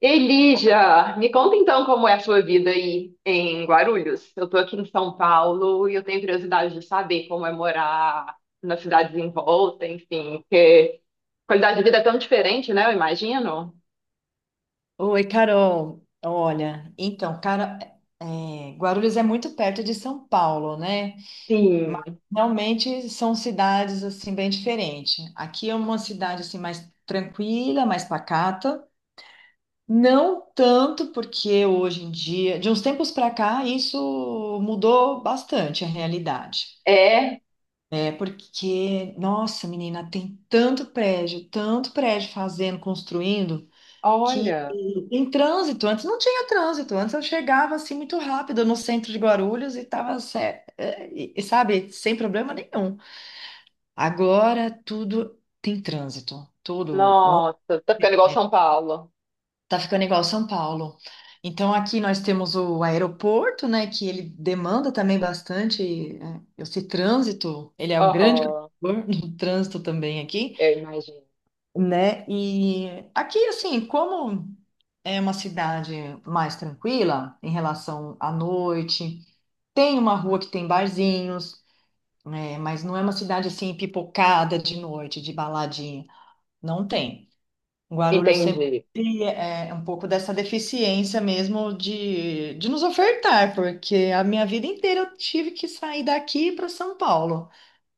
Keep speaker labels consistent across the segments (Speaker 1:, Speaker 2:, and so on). Speaker 1: Elija, me conta então como é a sua vida aí em Guarulhos. Eu tô aqui em São Paulo e eu tenho curiosidade de saber como é morar nas cidades em volta, enfim, porque a qualidade de vida é tão diferente, né? Eu imagino.
Speaker 2: Oi, Carol. Olha, então, cara, Guarulhos é muito perto de São Paulo, né? Mas
Speaker 1: Sim,
Speaker 2: realmente são cidades assim bem diferentes. Aqui é uma cidade assim mais tranquila, mais pacata. Não tanto porque hoje em dia, de uns tempos para cá, isso mudou bastante a realidade.
Speaker 1: é.
Speaker 2: É porque, nossa, menina, tem tanto prédio fazendo, construindo.
Speaker 1: Olha,
Speaker 2: Em trânsito, antes não tinha trânsito, antes eu chegava assim muito rápido no centro de Guarulhos e estava, sabe, sem problema nenhum. Agora tudo tem trânsito, tudo. Ontem.
Speaker 1: nossa, tá ficando igual São Paulo.
Speaker 2: Tá ficando igual São Paulo. Então aqui nós temos o aeroporto, né, que ele demanda também bastante esse trânsito, ele é o grande
Speaker 1: Aham,
Speaker 2: contribuidor do trânsito também aqui,
Speaker 1: eu imagino.
Speaker 2: né? E aqui, assim, como é uma cidade mais tranquila em relação à noite, tem uma rua que tem barzinhos, né? Mas não é uma cidade assim pipocada de noite, de baladinha. Não tem. Guarulhos sempre
Speaker 1: Entendi.
Speaker 2: é um pouco dessa deficiência mesmo de nos ofertar, porque a minha vida inteira eu tive que sair daqui para São Paulo.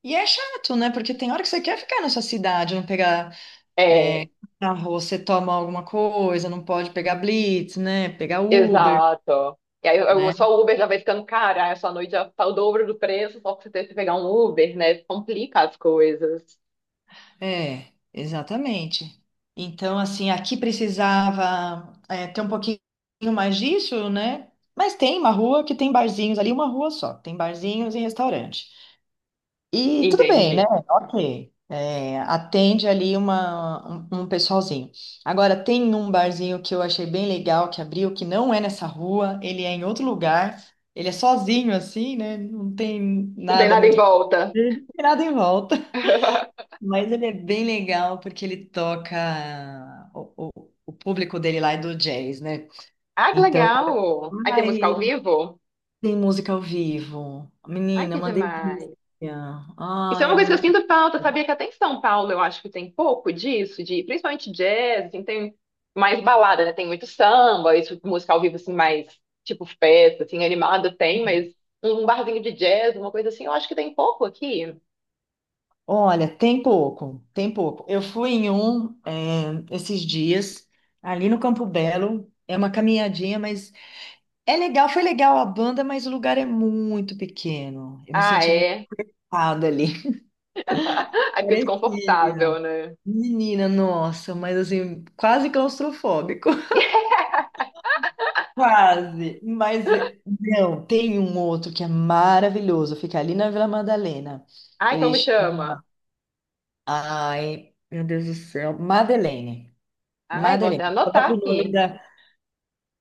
Speaker 2: E é chato, né? Porque tem hora que você quer ficar nessa cidade, não pegar.
Speaker 1: É.
Speaker 2: Ah, você toma alguma coisa, não pode pegar Blitz, né? Pegar Uber,
Speaker 1: Exato. E aí,
Speaker 2: né?
Speaker 1: só o Uber já vai ficando caro, aí a sua noite já tá o dobro do preço, só pra você ter que pegar um Uber, né? Complica as coisas.
Speaker 2: É, exatamente. Então, assim, aqui precisava ter um pouquinho mais disso, né? Mas tem uma rua que tem barzinhos ali, uma rua só, tem barzinhos e restaurante. E tudo bem, né?
Speaker 1: Entendi.
Speaker 2: Ok. É, atende ali um pessoalzinho. Agora, tem um barzinho que eu achei bem legal que abriu, que não é nessa rua, ele é em outro lugar, ele é sozinho assim, né? Não tem
Speaker 1: Não tem
Speaker 2: nada
Speaker 1: nada em
Speaker 2: muito.
Speaker 1: volta.
Speaker 2: Não tem nada em volta. Mas ele é bem legal porque ele toca. O público dele lá é do jazz, né?
Speaker 1: Ah, que
Speaker 2: Então,
Speaker 1: legal! Aí tem música
Speaker 2: ai,
Speaker 1: ao vivo?
Speaker 2: tem música ao vivo.
Speaker 1: Ai,
Speaker 2: Menina, é
Speaker 1: que
Speaker 2: uma
Speaker 1: demais!
Speaker 2: delícia. Ah,
Speaker 1: Isso é uma
Speaker 2: é
Speaker 1: coisa que eu
Speaker 2: muito.
Speaker 1: sinto falta, sabia que até em São Paulo eu acho que tem pouco disso, de principalmente jazz, assim, tem mais balada, né? Tem muito samba, isso, música ao vivo, assim, mais tipo festa, assim, animada tem, mas um barzinho de jazz, uma coisa assim, eu acho que tem pouco aqui.
Speaker 2: Olha, tem pouco, tem pouco. Eu fui em um, esses dias, ali no Campo Belo. É uma caminhadinha, mas é legal, foi legal a banda, mas o lugar é muito pequeno. Eu me
Speaker 1: Ah,
Speaker 2: senti muito
Speaker 1: é.
Speaker 2: errada ali.
Speaker 1: Aqui desconfortável,
Speaker 2: Parecia.
Speaker 1: né?
Speaker 2: Menina, nossa, mas assim, quase claustrofóbico. Quase. Mas não, tem um outro que é maravilhoso, fica ali na Vila Madalena.
Speaker 1: Ai,
Speaker 2: Ele.
Speaker 1: como chama?
Speaker 2: Ai, meu Deus do céu, Madeleine.
Speaker 1: Ai, vou
Speaker 2: Madeleine,
Speaker 1: até
Speaker 2: o
Speaker 1: anotar
Speaker 2: próprio nome
Speaker 1: aqui.
Speaker 2: da.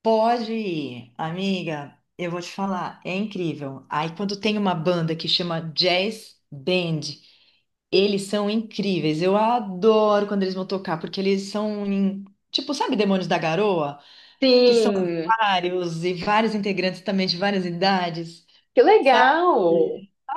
Speaker 2: Pode ir, amiga, eu vou te falar, é incrível. Aí quando tem uma banda que chama Jazz Band, eles são incríveis. Eu adoro quando eles vão tocar, porque tipo, sabe Demônios da Garoa? Que são
Speaker 1: Sim,
Speaker 2: vários e vários integrantes também de várias idades,
Speaker 1: que
Speaker 2: sabe?
Speaker 1: legal!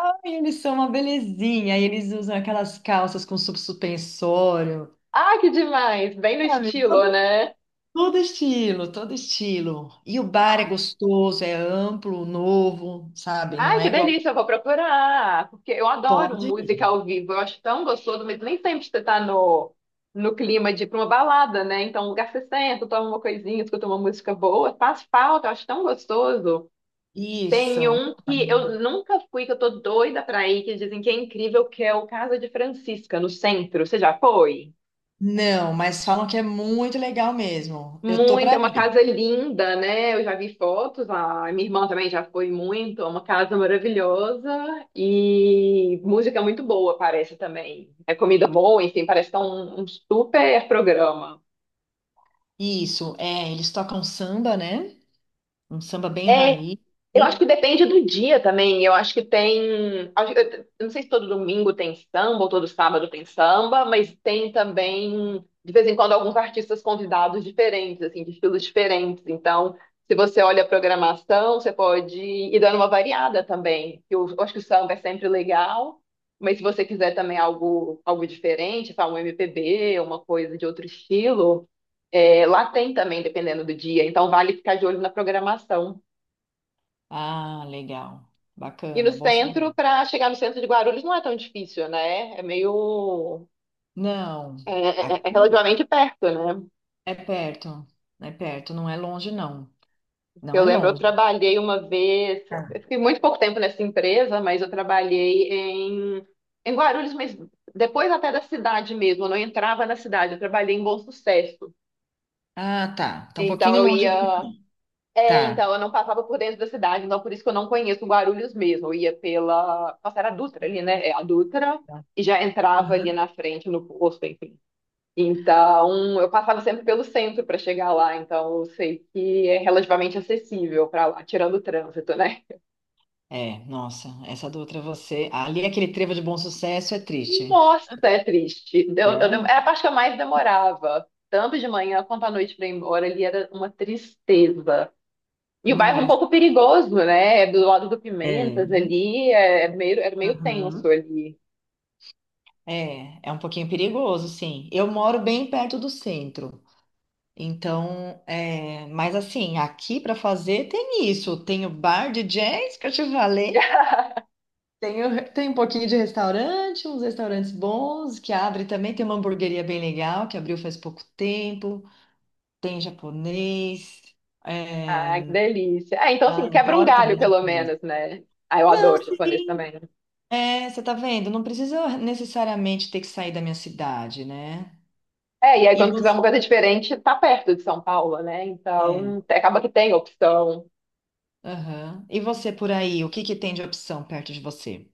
Speaker 2: Ai, eles são uma belezinha, e eles usam aquelas calças com suspensório.
Speaker 1: Ai, que demais! Bem no
Speaker 2: Sabe?
Speaker 1: estilo, né?
Speaker 2: Todo estilo, todo estilo. E o bar é
Speaker 1: Ah,
Speaker 2: gostoso, é amplo, novo, sabe? Não
Speaker 1: ai,
Speaker 2: é
Speaker 1: que
Speaker 2: igual.
Speaker 1: delícia! Eu vou procurar, porque eu adoro
Speaker 2: Pode ir.
Speaker 1: música ao vivo. Eu acho tão gostoso, mas nem sempre você tá no clima de ir pra uma balada, né? Então, um lugar que você senta, toma uma coisinha, escuta uma música boa, faz falta, eu acho tão gostoso. Tem
Speaker 2: Isso.
Speaker 1: um que eu nunca fui, que eu tô doida pra ir, que dizem que é incrível, que é o Casa de Francisca, no centro. Você já foi?
Speaker 2: Não, mas falam que é muito legal mesmo. Eu tô
Speaker 1: Muito,
Speaker 2: pra
Speaker 1: é uma
Speaker 2: ir.
Speaker 1: casa linda, né? Eu já vi fotos, a minha irmã também já foi muito, é uma casa maravilhosa e música é muito boa, parece também. É comida boa, enfim, parece que é um super programa.
Speaker 2: Isso, é. Eles tocam samba, né? Um samba bem
Speaker 1: É,
Speaker 2: raiz.
Speaker 1: eu acho que
Speaker 2: Sim.
Speaker 1: depende do dia também. Eu acho que tem. Eu não sei se todo domingo tem samba ou todo sábado tem samba, mas tem também, de vez em quando, alguns artistas convidados diferentes, assim, de estilos diferentes. Então, se você olha a programação, você pode ir dando uma variada também. Eu acho que o samba é sempre legal, mas se você quiser também algo, algo diferente, sabe, um MPB, uma coisa de outro estilo, é, lá tem também, dependendo do dia. Então, vale ficar de olho na programação.
Speaker 2: Ah, legal.
Speaker 1: E no
Speaker 2: Bacana, bom
Speaker 1: centro,
Speaker 2: saber.
Speaker 1: para chegar no centro de Guarulhos não é tão difícil, né? É meio.
Speaker 2: Não,
Speaker 1: É, é
Speaker 2: aqui
Speaker 1: relativamente perto, né?
Speaker 2: é perto. É perto, não é longe, não. Não
Speaker 1: Eu
Speaker 2: é
Speaker 1: lembro, eu
Speaker 2: longe.
Speaker 1: trabalhei uma vez, eu fiquei muito pouco tempo nessa empresa, mas eu trabalhei em Guarulhos, mas depois até da cidade mesmo, eu não entrava na cidade, eu trabalhei em Bom Sucesso.
Speaker 2: Ah, tá. Tá um
Speaker 1: Então
Speaker 2: pouquinho
Speaker 1: eu
Speaker 2: longe
Speaker 1: ia.
Speaker 2: daqui.
Speaker 1: É, então eu não passava por dentro da cidade, então por isso que eu não conheço Guarulhos mesmo. Eu ia pela. Nossa, era a Dutra ali, né? É a Dutra,
Speaker 2: Tá.
Speaker 1: e já entrava ali
Speaker 2: Uhum.
Speaker 1: na frente no posto, enfim. Então, eu passava sempre pelo centro para chegar lá, então eu sei que é relativamente acessível para lá, tirando o trânsito, né?
Speaker 2: É, nossa, essa do Outra é você ali, aquele trevo de bom sucesso é triste.
Speaker 1: Nossa, é triste.
Speaker 2: É?
Speaker 1: Era a parte que eu mais demorava, tanto de manhã quanto à noite para ir embora, ali era uma tristeza. E o bairro é um
Speaker 2: Nossa,
Speaker 1: pouco perigoso, né? É do lado do Pimentas
Speaker 2: é.
Speaker 1: ali, é, é meio, era meio tenso
Speaker 2: Uhum.
Speaker 1: ali.
Speaker 2: É, é um pouquinho perigoso, sim. Eu moro bem perto do centro. Então, é, mas assim, aqui para fazer tem isso. Tem o bar de jazz que eu te falei. Tem, tem um pouquinho de restaurante, uns restaurantes bons que abre também. Tem uma hamburgueria bem legal que abriu faz pouco tempo. Tem japonês,
Speaker 1: Ah, que
Speaker 2: é.
Speaker 1: delícia. Ah, então,
Speaker 2: Ah,
Speaker 1: assim, quebra um
Speaker 2: adoro
Speaker 1: galho,
Speaker 2: também
Speaker 1: pelo
Speaker 2: japonês.
Speaker 1: menos, né? Ah, eu
Speaker 2: Não,
Speaker 1: adoro japonês
Speaker 2: sim.
Speaker 1: também, né?
Speaker 2: É, você tá vendo? Não preciso necessariamente ter que sair da minha cidade, né?
Speaker 1: É, e aí
Speaker 2: E
Speaker 1: quando quiser
Speaker 2: você,
Speaker 1: uma coisa diferente, tá perto de São Paulo, né?
Speaker 2: é,
Speaker 1: Então, acaba que tem opção.
Speaker 2: aham. E você por aí, o que que tem de opção perto de você?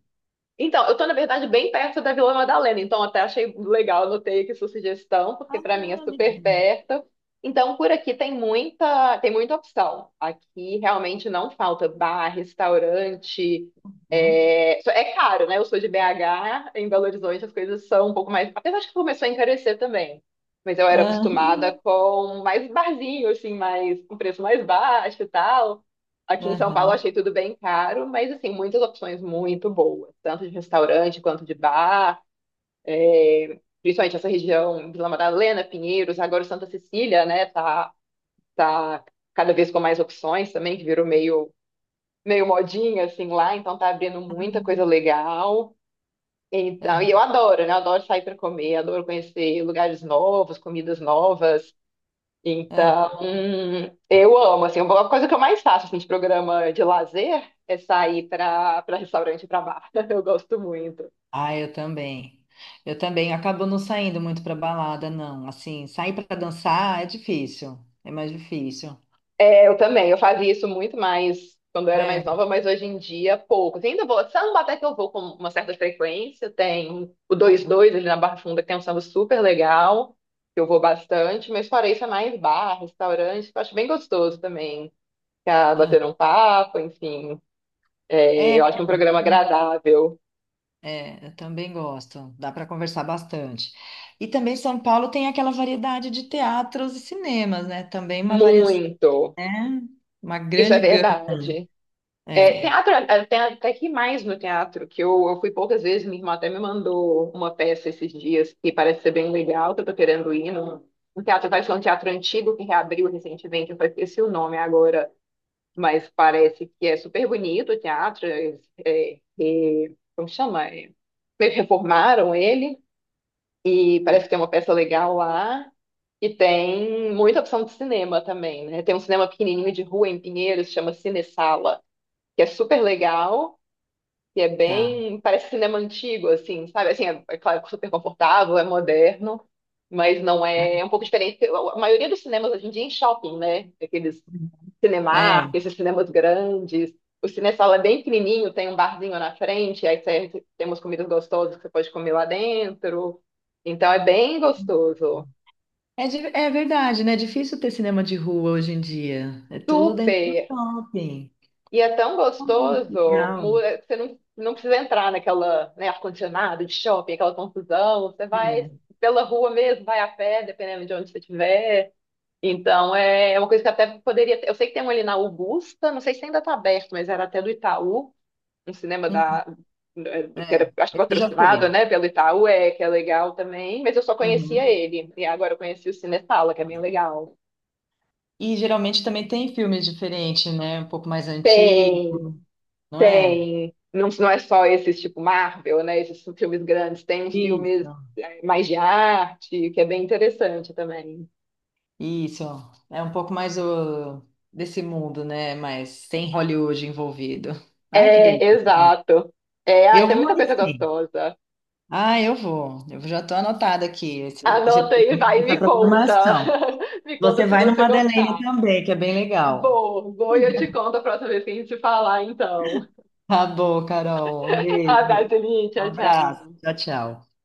Speaker 1: Então, eu tô, na verdade, bem perto da Vila Madalena, então até achei legal, anotei aqui sua sugestão, porque para mim é
Speaker 2: Ah,
Speaker 1: super
Speaker 2: legal.
Speaker 1: perto. Então, por aqui tem muita opção. Aqui realmente não falta bar, restaurante.
Speaker 2: Hum?
Speaker 1: É, é caro, né? Eu sou de BH, em Belo Horizonte as coisas são um pouco mais. Apesar de que começou a encarecer também. Mas eu era
Speaker 2: Ah,
Speaker 1: acostumada com mais barzinho, assim, mais, com preço mais baixo e tal. Aqui em São Paulo eu
Speaker 2: aham,
Speaker 1: achei tudo bem caro, mas assim, muitas opções muito boas, tanto de restaurante quanto de bar, é, principalmente essa região, Vila Madalena, Pinheiros, agora Santa Cecília, né, tá cada vez com mais opções também, que virou meio, meio modinha, assim, lá, então tá abrindo muita coisa legal. Então,
Speaker 2: ah.
Speaker 1: e eu adoro, né, adoro sair para comer, adoro conhecer lugares novos, comidas novas,
Speaker 2: Ah.
Speaker 1: então, eu amo, assim, uma coisa que eu mais faço, assim, de programa de lazer é sair para restaurante, para bar. Eu gosto muito.
Speaker 2: Ah, eu também. Eu também acabo não saindo muito pra balada, não. Assim, sair pra dançar é difícil. É mais difícil.
Speaker 1: É, eu também, eu fazia isso muito mais quando eu era mais
Speaker 2: É.
Speaker 1: nova, mas hoje em dia pouco. Assim, ainda vou, samba até que eu vou com uma certa frequência, tem o dois dois ali na Barra Funda, que tem um samba super legal, que eu vou bastante, mas fora isso é mais bar, restaurante, que eu acho bem gostoso também, ficar
Speaker 2: Ah.
Speaker 1: batendo um papo, enfim. É,
Speaker 2: É, é, é,
Speaker 1: eu acho um programa agradável,
Speaker 2: é, eu também gosto. Dá para conversar bastante. E também São Paulo tem aquela variedade de teatros e cinemas, né? Também uma variação,
Speaker 1: muito.
Speaker 2: né? Uma
Speaker 1: Isso é
Speaker 2: grande gama.
Speaker 1: verdade. É,
Speaker 2: É,
Speaker 1: teatro, é, é, tem até que mais no teatro, que eu fui poucas vezes, minha irmã até me mandou uma peça esses dias, que parece ser bem legal, que eu tô querendo ir um teatro, parece que é um teatro antigo que reabriu recentemente, eu só esqueci o nome agora, mas parece que é super bonito o teatro, é, é, é, como chama? É, meio que reformaram ele, e parece que tem uma peça legal lá, e tem muita opção de cinema também, né? Tem um cinema pequenininho de rua em Pinheiros, chama Cinesala, que é super legal, que é
Speaker 2: tá.
Speaker 1: bem, parece cinema antigo, assim, sabe? Assim, é, é claro, super confortável, é moderno, mas não é, é um pouco diferente. A maioria dos cinemas hoje em dia é em shopping, né? Aqueles Cinemark,
Speaker 2: É.
Speaker 1: esses cinemas grandes. O Cinesala é bem pequenininho, tem um barzinho na frente, aí você, tem comidas gostosas que você pode comer lá dentro. Então é bem gostoso.
Speaker 2: É, é verdade, né? É difícil ter cinema de rua hoje em dia. É tudo dentro do
Speaker 1: Super!
Speaker 2: shopping.
Speaker 1: E é tão
Speaker 2: Que
Speaker 1: gostoso,
Speaker 2: legal.
Speaker 1: é, você não precisa entrar naquela, né, ar-condicionado de shopping, aquela confusão. Você vai
Speaker 2: É.
Speaker 1: pela rua mesmo, vai a pé, dependendo de onde você estiver. Então, é, é uma coisa que até poderia ter. Eu sei que tem um ali na Augusta, não sei se ainda está aberto, mas era até do Itaú, um cinema
Speaker 2: Uhum,
Speaker 1: da, é, que
Speaker 2: é.
Speaker 1: era, acho que
Speaker 2: Isso já
Speaker 1: patrocinado,
Speaker 2: foi.
Speaker 1: né, pelo Itaú, é, que é legal também, mas eu só conhecia
Speaker 2: Uhum.
Speaker 1: ele. E agora eu conheci o Cinesala, que é bem legal.
Speaker 2: E geralmente também tem filmes diferentes, né? Um pouco mais antigos,
Speaker 1: Tem.
Speaker 2: não é?
Speaker 1: Tem, não, não é só esses tipo Marvel, né? Esses filmes grandes, tem filmes
Speaker 2: Isso.
Speaker 1: é, mais de arte, que é bem interessante também.
Speaker 2: Isso, é um pouco mais o, desse mundo, né? Mas sem Hollywood envolvido. Ai, que
Speaker 1: É,
Speaker 2: delícia.
Speaker 1: exato. É, ai,
Speaker 2: Eu
Speaker 1: tem
Speaker 2: vou
Speaker 1: muita
Speaker 2: aí
Speaker 1: coisa
Speaker 2: sim.
Speaker 1: gostosa.
Speaker 2: Ah, eu vou. Eu já estou anotada aqui esse
Speaker 1: Anota aí, vai e
Speaker 2: essa
Speaker 1: me conta.
Speaker 2: programação.
Speaker 1: Me
Speaker 2: Você
Speaker 1: conta se
Speaker 2: vai no
Speaker 1: você
Speaker 2: Madeleine
Speaker 1: gostar.
Speaker 2: também, que é bem legal.
Speaker 1: Vou, vou e eu te conto a próxima vez que a gente se falar, então.
Speaker 2: Tá bom, Carol. Um
Speaker 1: Abraço,
Speaker 2: beijo.
Speaker 1: Eli,
Speaker 2: Um
Speaker 1: tchau,
Speaker 2: abraço.
Speaker 1: tchau.
Speaker 2: Tchau, tchau.